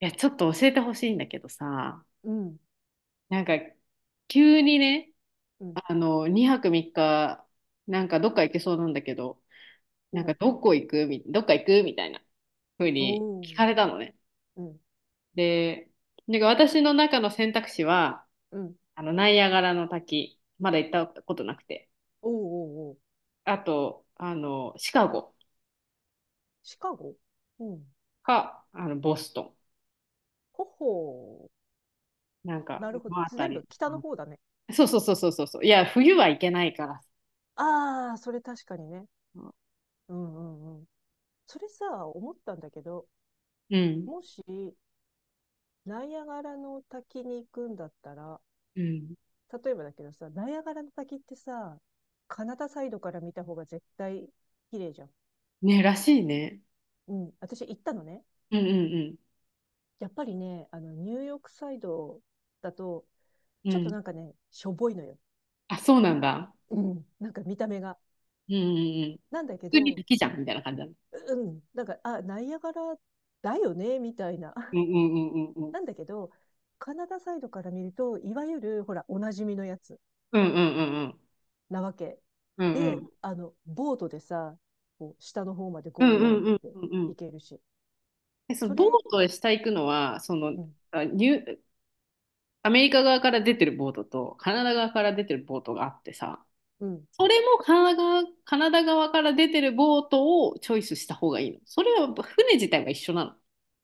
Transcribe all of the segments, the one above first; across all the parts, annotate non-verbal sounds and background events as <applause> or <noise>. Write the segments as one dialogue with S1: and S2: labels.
S1: いや、ちょっと教えてほしいんだけどさ、
S2: うん、
S1: なんか急にね、
S2: うん、
S1: 2泊3日、なんかどっか行けそうなんだけど、
S2: う
S1: なんか
S2: ん、
S1: どこ行くみ、どっか行くみたいな風に
S2: おー、
S1: 聞かれたのね。
S2: うん、
S1: で、なんか私の中の選択肢は、
S2: うん、
S1: ナイアガラの滝、まだ行ったことなくて、
S2: おー、おー、おー、
S1: あと、シカゴ
S2: シカゴ、うん。
S1: か、ボスト
S2: ほほ
S1: ン、なん
S2: ー。
S1: か、
S2: な
S1: こ
S2: るほど。
S1: のあた
S2: 全部
S1: り。
S2: 北の方だね。
S1: そうそうそうそうそうそう。いや、冬は行けないから。
S2: ああ、それ確かにね。うんうんうん。それさ、思ったんだけど、
S1: うん。
S2: もし、ナイアガラの滝に行くんだったら、
S1: うん。
S2: 例えばだけどさ、ナイアガラの滝ってさ、カナダサイドから見た方が絶対綺麗じゃん。
S1: ね、らしいね。
S2: うん。私行ったのね。
S1: うんうん
S2: やっぱりね、ニューヨークサイドだと、
S1: うん。
S2: ちょ
S1: う
S2: っと
S1: ん。
S2: なんかね、しょぼいのよ。
S1: あ、そうなんだ。
S2: うん。なんか見た目が。
S1: うんうんうん。
S2: なんだけ
S1: 普通に好
S2: ど、
S1: きじゃんみたいな感じだね。
S2: うん。なんか、あ、ナイアガラだよね、みたいな。
S1: うん
S2: <laughs>
S1: うんうんうんうん。
S2: なんだけど、カナダサイドから見ると、いわゆる、ほら、おなじみのやつ
S1: うんうんうんうん。
S2: なわけ。
S1: うんう
S2: で、
S1: ん
S2: ボートでさ、こう、下の方まで
S1: うん
S2: ゴーっ
S1: うん
S2: て
S1: うん。
S2: 行けるし。
S1: え、その
S2: そ
S1: ボー
S2: れ、
S1: トへ下行くのは、
S2: うん、
S1: あニュ、アメリカ側から出てるボートと、カナダ側から出てるボートがあってさ、
S2: うん。い
S1: それもカナダ側から出てるボートをチョイスした方がいいの。それは船自体は一緒なの。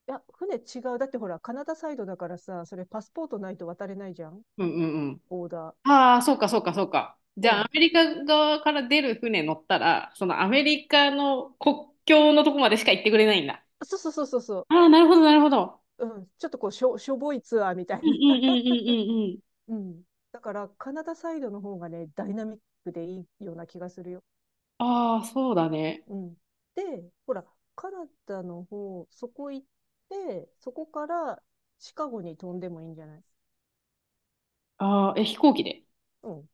S2: や、船違う。だってほら、カナダサイドだからさ、それパスポートないと渡れないじゃん。
S1: うんうん。
S2: オーダー。
S1: ああ、そうか、そうか、そうか。じ
S2: う
S1: ゃあ、ア
S2: ん。
S1: メリカ側から出る船乗ったら、そのアメリカの国境のとこまでしか行ってくれないんだ。
S2: そうそうそうそうそう。
S1: ああ、なるほど、なるほど。
S2: うん、ちょっとしょぼいツアーみたい
S1: うん
S2: な。
S1: うんう
S2: <laughs>
S1: んうんうんうん。
S2: うん。だから、カナダサイドの方がね、ダイナミックでいいような気がするよ。
S1: ああ、そうだね。
S2: うん。で、ほら、カナダの方、そこ行って、そこからシカゴに飛んでもいいんじゃない？
S1: ああ、え、飛行機で。
S2: うん。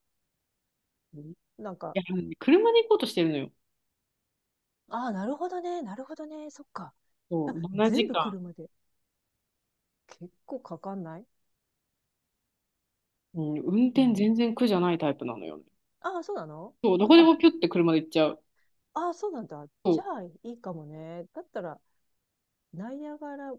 S1: うん。い
S2: なんか、
S1: や、車で行こうとしてるのよ。
S2: ああ、なるほどね、なるほどね、そっか。
S1: そ
S2: あ、
S1: う、7
S2: 全部
S1: 時間。
S2: 車で。結構かかんない？
S1: うん、運
S2: う
S1: 転
S2: ん。
S1: 全然苦じゃないタイプなのよね。
S2: ああ、そうなの？
S1: そう、
S2: あ
S1: どこで
S2: あ、
S1: もピュって車で行っちゃう。
S2: ああ、そうなんだ。
S1: そ
S2: じゃ
S1: う。
S2: あ、いいかもね。だったら、ナイアガラ、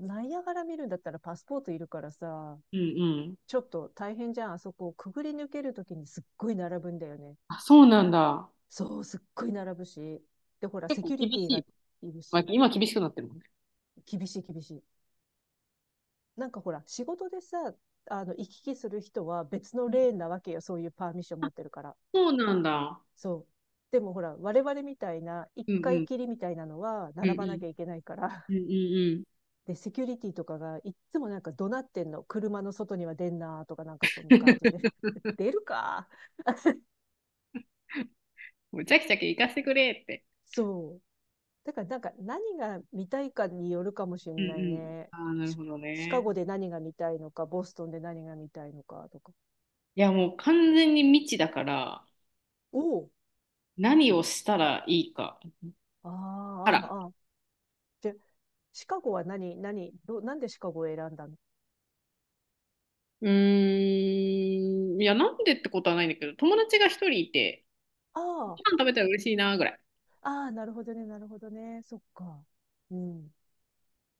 S2: ナイアガラ見るんだったらパスポートいるからさ、
S1: うんうん。
S2: ちょっと大変じゃん。あそこをくぐり抜けるときにすっごい並ぶんだよね。
S1: あ、そうなんだ。
S2: そう、すっごい並ぶし。で、ほら、
S1: 結
S2: セ
S1: 構
S2: キュリ
S1: 厳
S2: テ
S1: し
S2: ィが
S1: い。
S2: いる
S1: まあ、
S2: し、
S1: 今厳しくなってるもんね。
S2: 厳しい厳しい。なんかほら、仕事でさ、行き来する人は別のレーンなわけよ。そういうパーミッション持ってるから。
S1: そうなんだ。
S2: そう。でもほら、我々みたいな、一
S1: うんう
S2: 回
S1: ん。
S2: きりみたいなのは、
S1: うんう
S2: 並ばな
S1: ん。
S2: きゃいけないから、
S1: うんうんうん。
S2: で、セキュリティとかがいっつもなんか怒鳴ってんの。車の外には出んなとかなんかそんな感じで。
S1: <laughs>
S2: <laughs> 出るか。
S1: むちゃくちゃ行かせてくれって。
S2: そう。だからなんか何が見たいかによるかもしれ
S1: うんう
S2: ない
S1: ん。
S2: ね。
S1: ああ、なる
S2: シ
S1: ほど
S2: シカ
S1: ね。
S2: ゴで何が見たいのか、ボストンで何が見たいのかとか。
S1: いや、もう完全に未知だから、
S2: おお、
S1: 何をしたらいいか。
S2: ああ、
S1: あら。
S2: ああ、ああ。じゃ、シカゴは何、何、ど、なんでシカゴを選んだの？
S1: うーん。いや、なんでってことはないんだけど、友達が一人いて、ご
S2: あ
S1: 飯食べたら嬉しいな、ぐらい。
S2: あ、ああ、なるほどね、なるほどね。そっか。うん。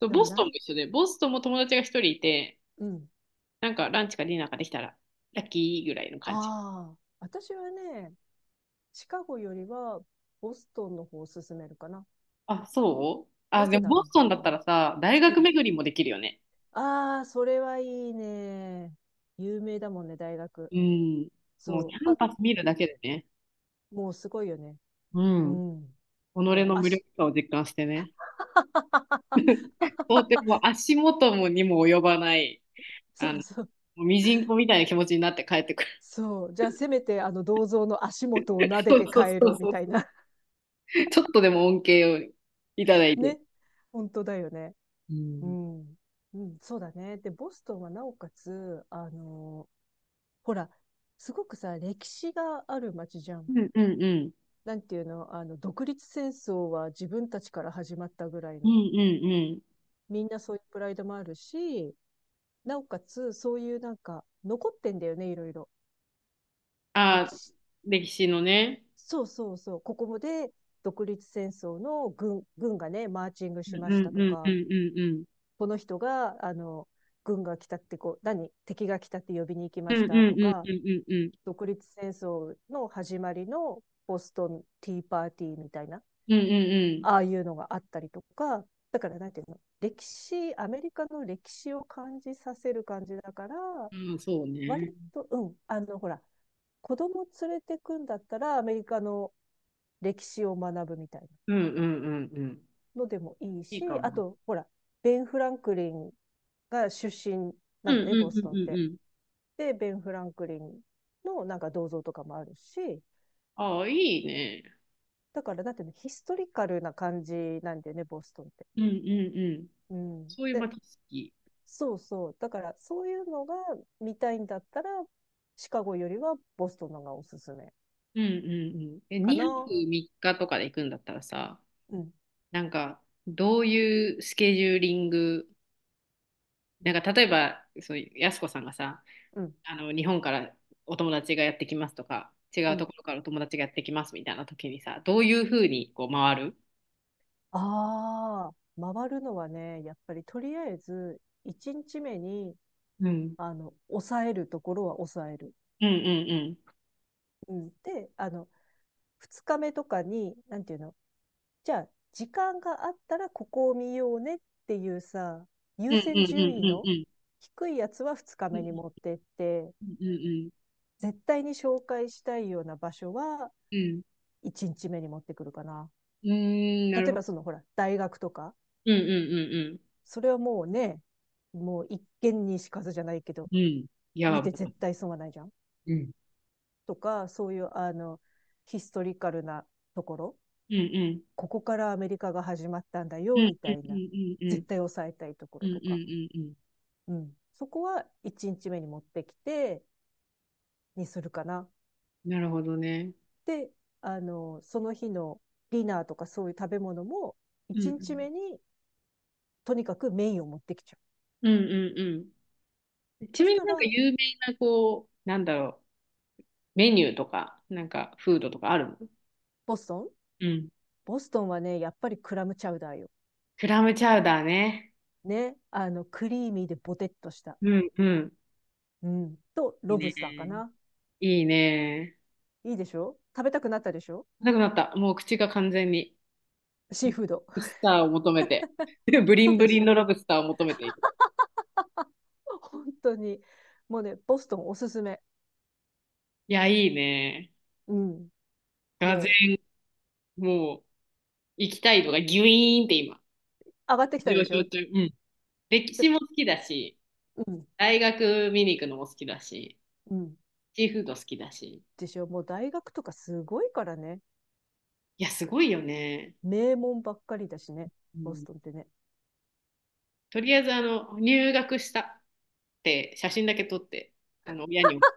S1: そう。
S2: な、
S1: ボスト
S2: な
S1: ンも
S2: い、
S1: 一緒で、ボストンも友達が一人いて、
S2: うん。
S1: なんかランチかディナーかできたら、ラッキーぐらいの感じ。
S2: ああ、私はね、シカゴよりはボストンの方を進めるかな。
S1: あ、そう。あ、
S2: な
S1: で
S2: ぜ
S1: も
S2: な
S1: ボ
S2: らば、
S1: ストン
S2: う
S1: だった
S2: ん
S1: らさ、大
S2: う
S1: 学
S2: ん。
S1: 巡りもできるよね。
S2: ああ、それはいいね。有名だもんね、大学。
S1: うん。もう
S2: そ
S1: キ
S2: う。
S1: ャン
S2: あ、
S1: パス見るだけでね。
S2: もうすごいよね。
S1: う
S2: う
S1: ん。己
S2: ん。もう
S1: の無
S2: 足。
S1: 力さを実感してね。とて
S2: <laughs>
S1: も足元もにも及ばない、
S2: そうそう。
S1: もうミジンコみたいな気持ちになって帰ってくる。
S2: そう。じゃあ、せめて、銅像の足元を撫
S1: <laughs>
S2: で
S1: そう
S2: て
S1: そう
S2: 帰
S1: そ
S2: ろう
S1: う
S2: み
S1: そ
S2: たい
S1: う。
S2: な。
S1: ちょっとでも恩恵をいただ
S2: <laughs>
S1: いて。
S2: ね。本当だよね。
S1: う
S2: う
S1: ん。
S2: ん。うん、そうだね。で、ボストンはなおかつ、ほら、すごくさ、歴史がある街じゃん。
S1: うんうんうん。
S2: なんていうの、独立戦争は自分たちから始まったぐらい
S1: うん
S2: の。
S1: うんうん。
S2: みんなそういうプライドもあるし、なおかつ、そういうなんか、残ってんだよね、いろいろ。歴
S1: ああ、
S2: 史。
S1: 歴史のね。
S2: そうそうそう。ここもで、独立戦争の軍がね、マーチング
S1: うん
S2: しまし
S1: う
S2: た
S1: ん
S2: と
S1: うんう
S2: か、
S1: んうんうん。
S2: この人が、軍が来たってこう、何敵が来たって呼びに行き
S1: う
S2: ま
S1: ん
S2: し
S1: うん
S2: たと
S1: うん
S2: か、
S1: うんうんうん。
S2: 独立戦争の始まりのボストンティーパーティーみたいな。
S1: うんうん
S2: ああいうのがあったりとか、だからなんていうの、歴史、アメリカの歴史を感じさせる感じだから、
S1: うん。うん、そう
S2: 割
S1: ね。
S2: と、うん、ほら、子供連れてくんだったらアメリカの歴史を学ぶみたいな
S1: うんうんうんうん。
S2: のでもいい
S1: いいか
S2: し、
S1: も。
S2: あと、ほら、ベン・フランクリンが出身な
S1: うんう
S2: の
S1: ん
S2: ね、ボス
S1: う
S2: トン
S1: ん
S2: っ
S1: うん
S2: て。
S1: うん。
S2: で、ベン・フランクリンのなんか銅像とかもあるし、
S1: ああ、いいね。
S2: だから、だっていうのヒストリカルな感じなんだよね、ボストンって。
S1: うんうんうん。
S2: うん。
S1: そういうま
S2: で、
S1: あ知識。
S2: そうそう。だから、そういうのが見たいんだったら、シカゴよりはボストンのがおすすめ
S1: うんうんうん。え、
S2: か
S1: 2泊
S2: な。
S1: 3日とかで行くんだったらさ、
S2: うん、
S1: なんか、どういうスケジューリング、なんか、例えば、そういう、やすこさんがさ、
S2: うん、
S1: 日本からお友達がやってきますとか、違
S2: う
S1: うと
S2: ん。
S1: ころからお友達がやってきますみたいな時にさ、どういうふうにこう回る？
S2: ああ、回るのはね、やっぱりとりあえず、1日目に、
S1: うん。
S2: 抑えるところは抑える。
S1: うんうんうん。
S2: うん。で、2日目とかに、なんていうの、じゃあ、時間があったらここを見ようねっていうさ、
S1: う
S2: 優
S1: んう
S2: 先
S1: んう
S2: 順位
S1: んうん
S2: の
S1: うん。
S2: 低いやつは2日
S1: う
S2: 目
S1: ん
S2: に持ってって、
S1: うん
S2: 絶対に紹介したいような場所は
S1: うんうん。
S2: 1日目に持ってくるかな。
S1: うん。うーん、な
S2: 例
S1: る
S2: え
S1: ほ
S2: ばそ
S1: ど。
S2: のほら、大学とか、
S1: うんうん
S2: それはもうね、もう一見にしかずじゃないけど、
S1: うんうん。うん。いや、
S2: 見
S1: も
S2: て絶
S1: う。
S2: 対損はないじゃん
S1: うん。
S2: とか、そういうヒストリカルなところ、
S1: うんうん。
S2: ここからアメリカが始まったんだ
S1: う
S2: よ
S1: ん
S2: み
S1: う
S2: た
S1: ん
S2: い
S1: う
S2: な、
S1: んうんうん。
S2: 絶対抑えたいとこ
S1: う
S2: ろ
S1: ん
S2: と
S1: う
S2: か、
S1: んうんうん。
S2: うん、そこは1日目に持ってきてにするかな。
S1: なるほどね。
S2: で、その日のディナーとかそういう食べ物も
S1: う
S2: 1日
S1: ん
S2: 目にとにかくメインを持ってきちゃう。
S1: うんうんうんうん。ち
S2: そ
S1: な
S2: し
S1: みに
S2: た
S1: なんか
S2: ら、
S1: 有名な、こう、なんだろう、メニューとか、なんかフードとかあるの？
S2: ボストン
S1: うん。
S2: ボストンはね、やっぱりクラムチャウダーよ。
S1: クラムチャウダーね。
S2: ね。クリーミーでボテッとした。
S1: うんうん。
S2: うん。と、
S1: いい
S2: ロブスターか
S1: ね。
S2: な。
S1: いいね。
S2: いいでしょ？食べたくなったでしょ？
S1: なくなった。もう口が完全に、ロ
S2: シーフード。
S1: ブスターを求めて。<laughs> ブ
S2: <laughs>
S1: リ
S2: そう
S1: ンブ
S2: で
S1: リ
S2: し
S1: ン
S2: ょ？
S1: のロブスターを求めている。
S2: 本当に。もうね、ボストンおすすめ。
S1: いや、いいね。
S2: うん。
S1: がぜ
S2: もう、
S1: ん、もう、行きたいのがギュイーンって今、
S2: 上がってきたで
S1: 上
S2: し
S1: 昇
S2: ょ？
S1: 中。うん。歴
S2: ちょ、
S1: 史も好きだし、
S2: うん、
S1: 大学見に行くのも好きだし。
S2: うん。
S1: シーフード好きだし。
S2: でしょ？もう大学とかすごいからね。
S1: いや、すごいよね。
S2: 名門ばっかりだしね。
S1: う
S2: ボス
S1: ん。
S2: トンってね。
S1: とりあえず、入学したって写真だけ撮って、親に送っ。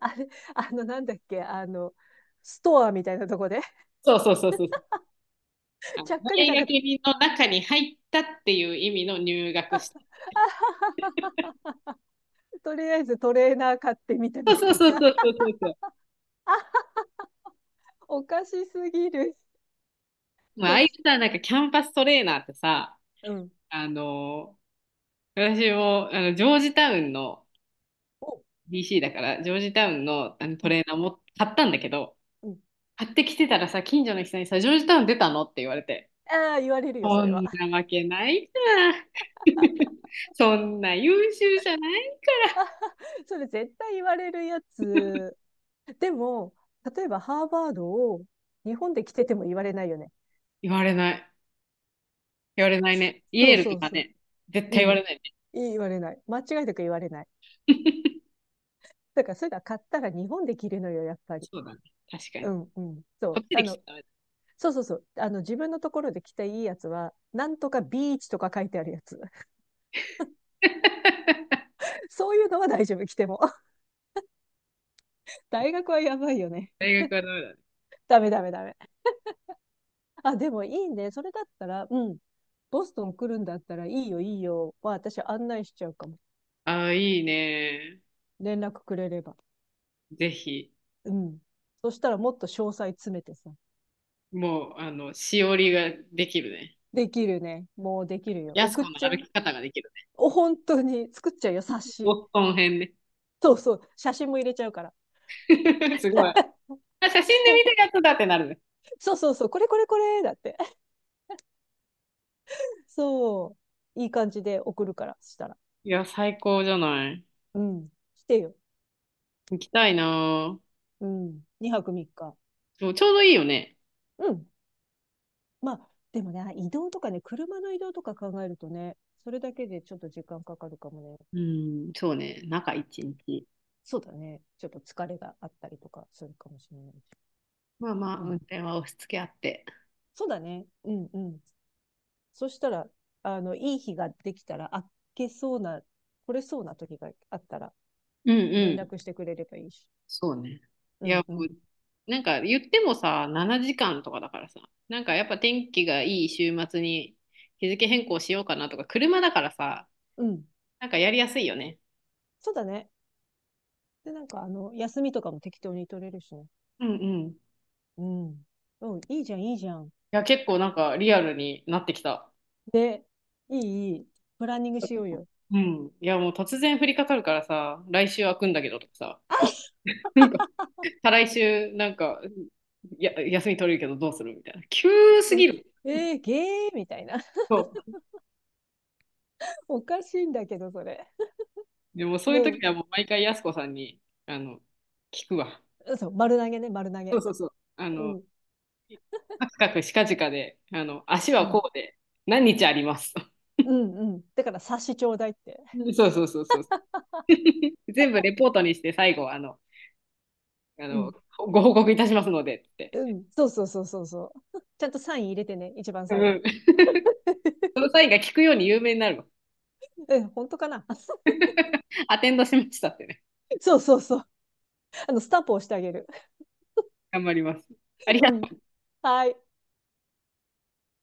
S2: あれ、なんだっけ、ストアみたいなとこで
S1: そうそうそうそう。あの
S2: ちゃっかり
S1: 大
S2: なんか
S1: 学
S2: <laughs>、
S1: の中に入ったっていう意味の入
S2: あ
S1: 学
S2: は
S1: した。
S2: は、とりあえずトレーナー買ってみた
S1: そ
S2: みた
S1: う
S2: い
S1: そうそう
S2: な
S1: そうそうそうそ
S2: <laughs>。あ、おかしすぎる
S1: う。
S2: <laughs>。
S1: まあ、ああい
S2: です
S1: うさ、なんかキャンパストレーナーってさ、
S2: うん。
S1: あの私もジョージタウンの
S2: お、
S1: DC だから、ジョージタウンの、ト
S2: うん、
S1: レーナーも買ったんだけど、
S2: うん。
S1: 買ってきてたらさ、近所の人にさ、ジョージタウン出たのって言われて、
S2: ああ、言われるよ、そ
S1: そ
S2: れは。
S1: んなわけないじゃん。<laughs> そんな優秀じゃない。
S2: <laughs>。それ絶対言われるやつ。でも、例えばハーバードを日本で着てても言われないよね。
S1: 言われない。言われないね。イ
S2: そ
S1: エー
S2: う
S1: ルと
S2: そう
S1: か
S2: そう。
S1: ね。絶
S2: う
S1: 対言わ
S2: ん。
S1: れないね。
S2: 言われない。間違いなく言われない。
S1: <laughs>
S2: だから、そういうのは買ったら日本で着るのよ、やっぱり。
S1: そうだね。確か
S2: う
S1: に。
S2: んうん。そ
S1: こ
S2: う。
S1: っちで来ちゃダメだ。
S2: そうそうそう。自分のところで着ていいやつは、なんとかビーチとか書いてあるやつ。<laughs> そういうのは大丈夫、着ても。<laughs> 大学はやばいよね。
S1: <laughs> 大学はダメだね。
S2: <laughs> ダメダメダメ。あ、でもいいね。それだったら、うん。ボストン来るんだったら、いいよ、いいよ。は、私案内しちゃうかも。
S1: ああ、いいね。
S2: 連絡くれれば。
S1: ぜひ。
S2: うん。そしたらもっと詳細詰めてさ。
S1: もう、しおりができるね。
S2: できるね。もうできるよ。
S1: やす
S2: 送っ
S1: 子の
S2: ちゃ
S1: 歩
S2: い。
S1: き方ができるね。
S2: お、本当に。作っちゃうよ、冊
S1: ボ
S2: 子。
S1: ストン編ね。
S2: そうそう。写真も入れちゃうから。
S1: <laughs> すごい。あ、写真で
S2: ほ、
S1: 見たやつだってなるね。
S2: そうそうそう。これこれこれ。だって。そう。いい感じで送るから、したら。
S1: いや、最高じゃない。
S2: うん。来てよ。
S1: 行きたいなあ。
S2: うん。2泊3日。
S1: そう、ちょうどいいよね。
S2: うん。まあ、でもね、移動とかね、車の移動とか考えるとね、それだけでちょっと時間かかるかもね。
S1: うん、そうね、中一日。
S2: そうだね。ちょっと疲れがあったりとかするかもしれないし。
S1: まあまあ、
S2: う
S1: 運
S2: ん。
S1: 転は押し付け合って。
S2: そうだね。うんうん。そしたら、いい日ができたら、あけそうな、来れそうな時があったら、
S1: うんう
S2: 連
S1: ん、
S2: 絡してくれればいいし。
S1: そうね。い
S2: う
S1: や、も
S2: んうん。
S1: うなんか言ってもさ、7時間とかだからさ、なんかやっぱ天気がいい週末に日付変更しようかなとか、車だからさ、
S2: うん。
S1: なんかやりやすいよね。
S2: そうだね。で、なんか、休みとかも適当に取れるしね。
S1: うんうん。い
S2: うん。うん、いいじゃん、いいじゃん。
S1: や、結構なんかリアルになってきた。
S2: で、いい、いい。プランニングしようよ。
S1: うん。いや、もう突然降りかかるからさ、来週開くんだけどとかさ、なんか再来週なんか、や、休み取れるけどどうするみたいな。急す
S2: え、
S1: ぎる。
S2: えー、ゲーみたいな。
S1: そう。
S2: <laughs> おかしいんだけど、それ。
S1: でもそういう
S2: の、
S1: 時はもう毎回やす子さんに、あの、聞くわ。
S2: そう、丸投げね、丸投
S1: そう
S2: げ。
S1: そうそう。
S2: うん、
S1: カクカクしかじかで、足
S2: う
S1: は
S2: ん、
S1: こうで、何日あります。<laughs>
S2: うん、うん。だから、察しちょうだいって。
S1: そうそうそうそう。全部レポートにして最後、あ
S2: う
S1: の、
S2: ん、
S1: ご報告いたしますのでって。
S2: うん。そうそうそうそうそう。<laughs> ちゃんとサイン入れてね、一番
S1: う
S2: 最後
S1: ん。
S2: に。
S1: その際が聞くように有名になるわ。
S2: え、本当かな。 <laughs>
S1: アテンドしましたってね。
S2: そうそうそう。スタンプ押してあげる。
S1: 頑張ります。あり
S2: う
S1: がと
S2: ん。
S1: う
S2: はい。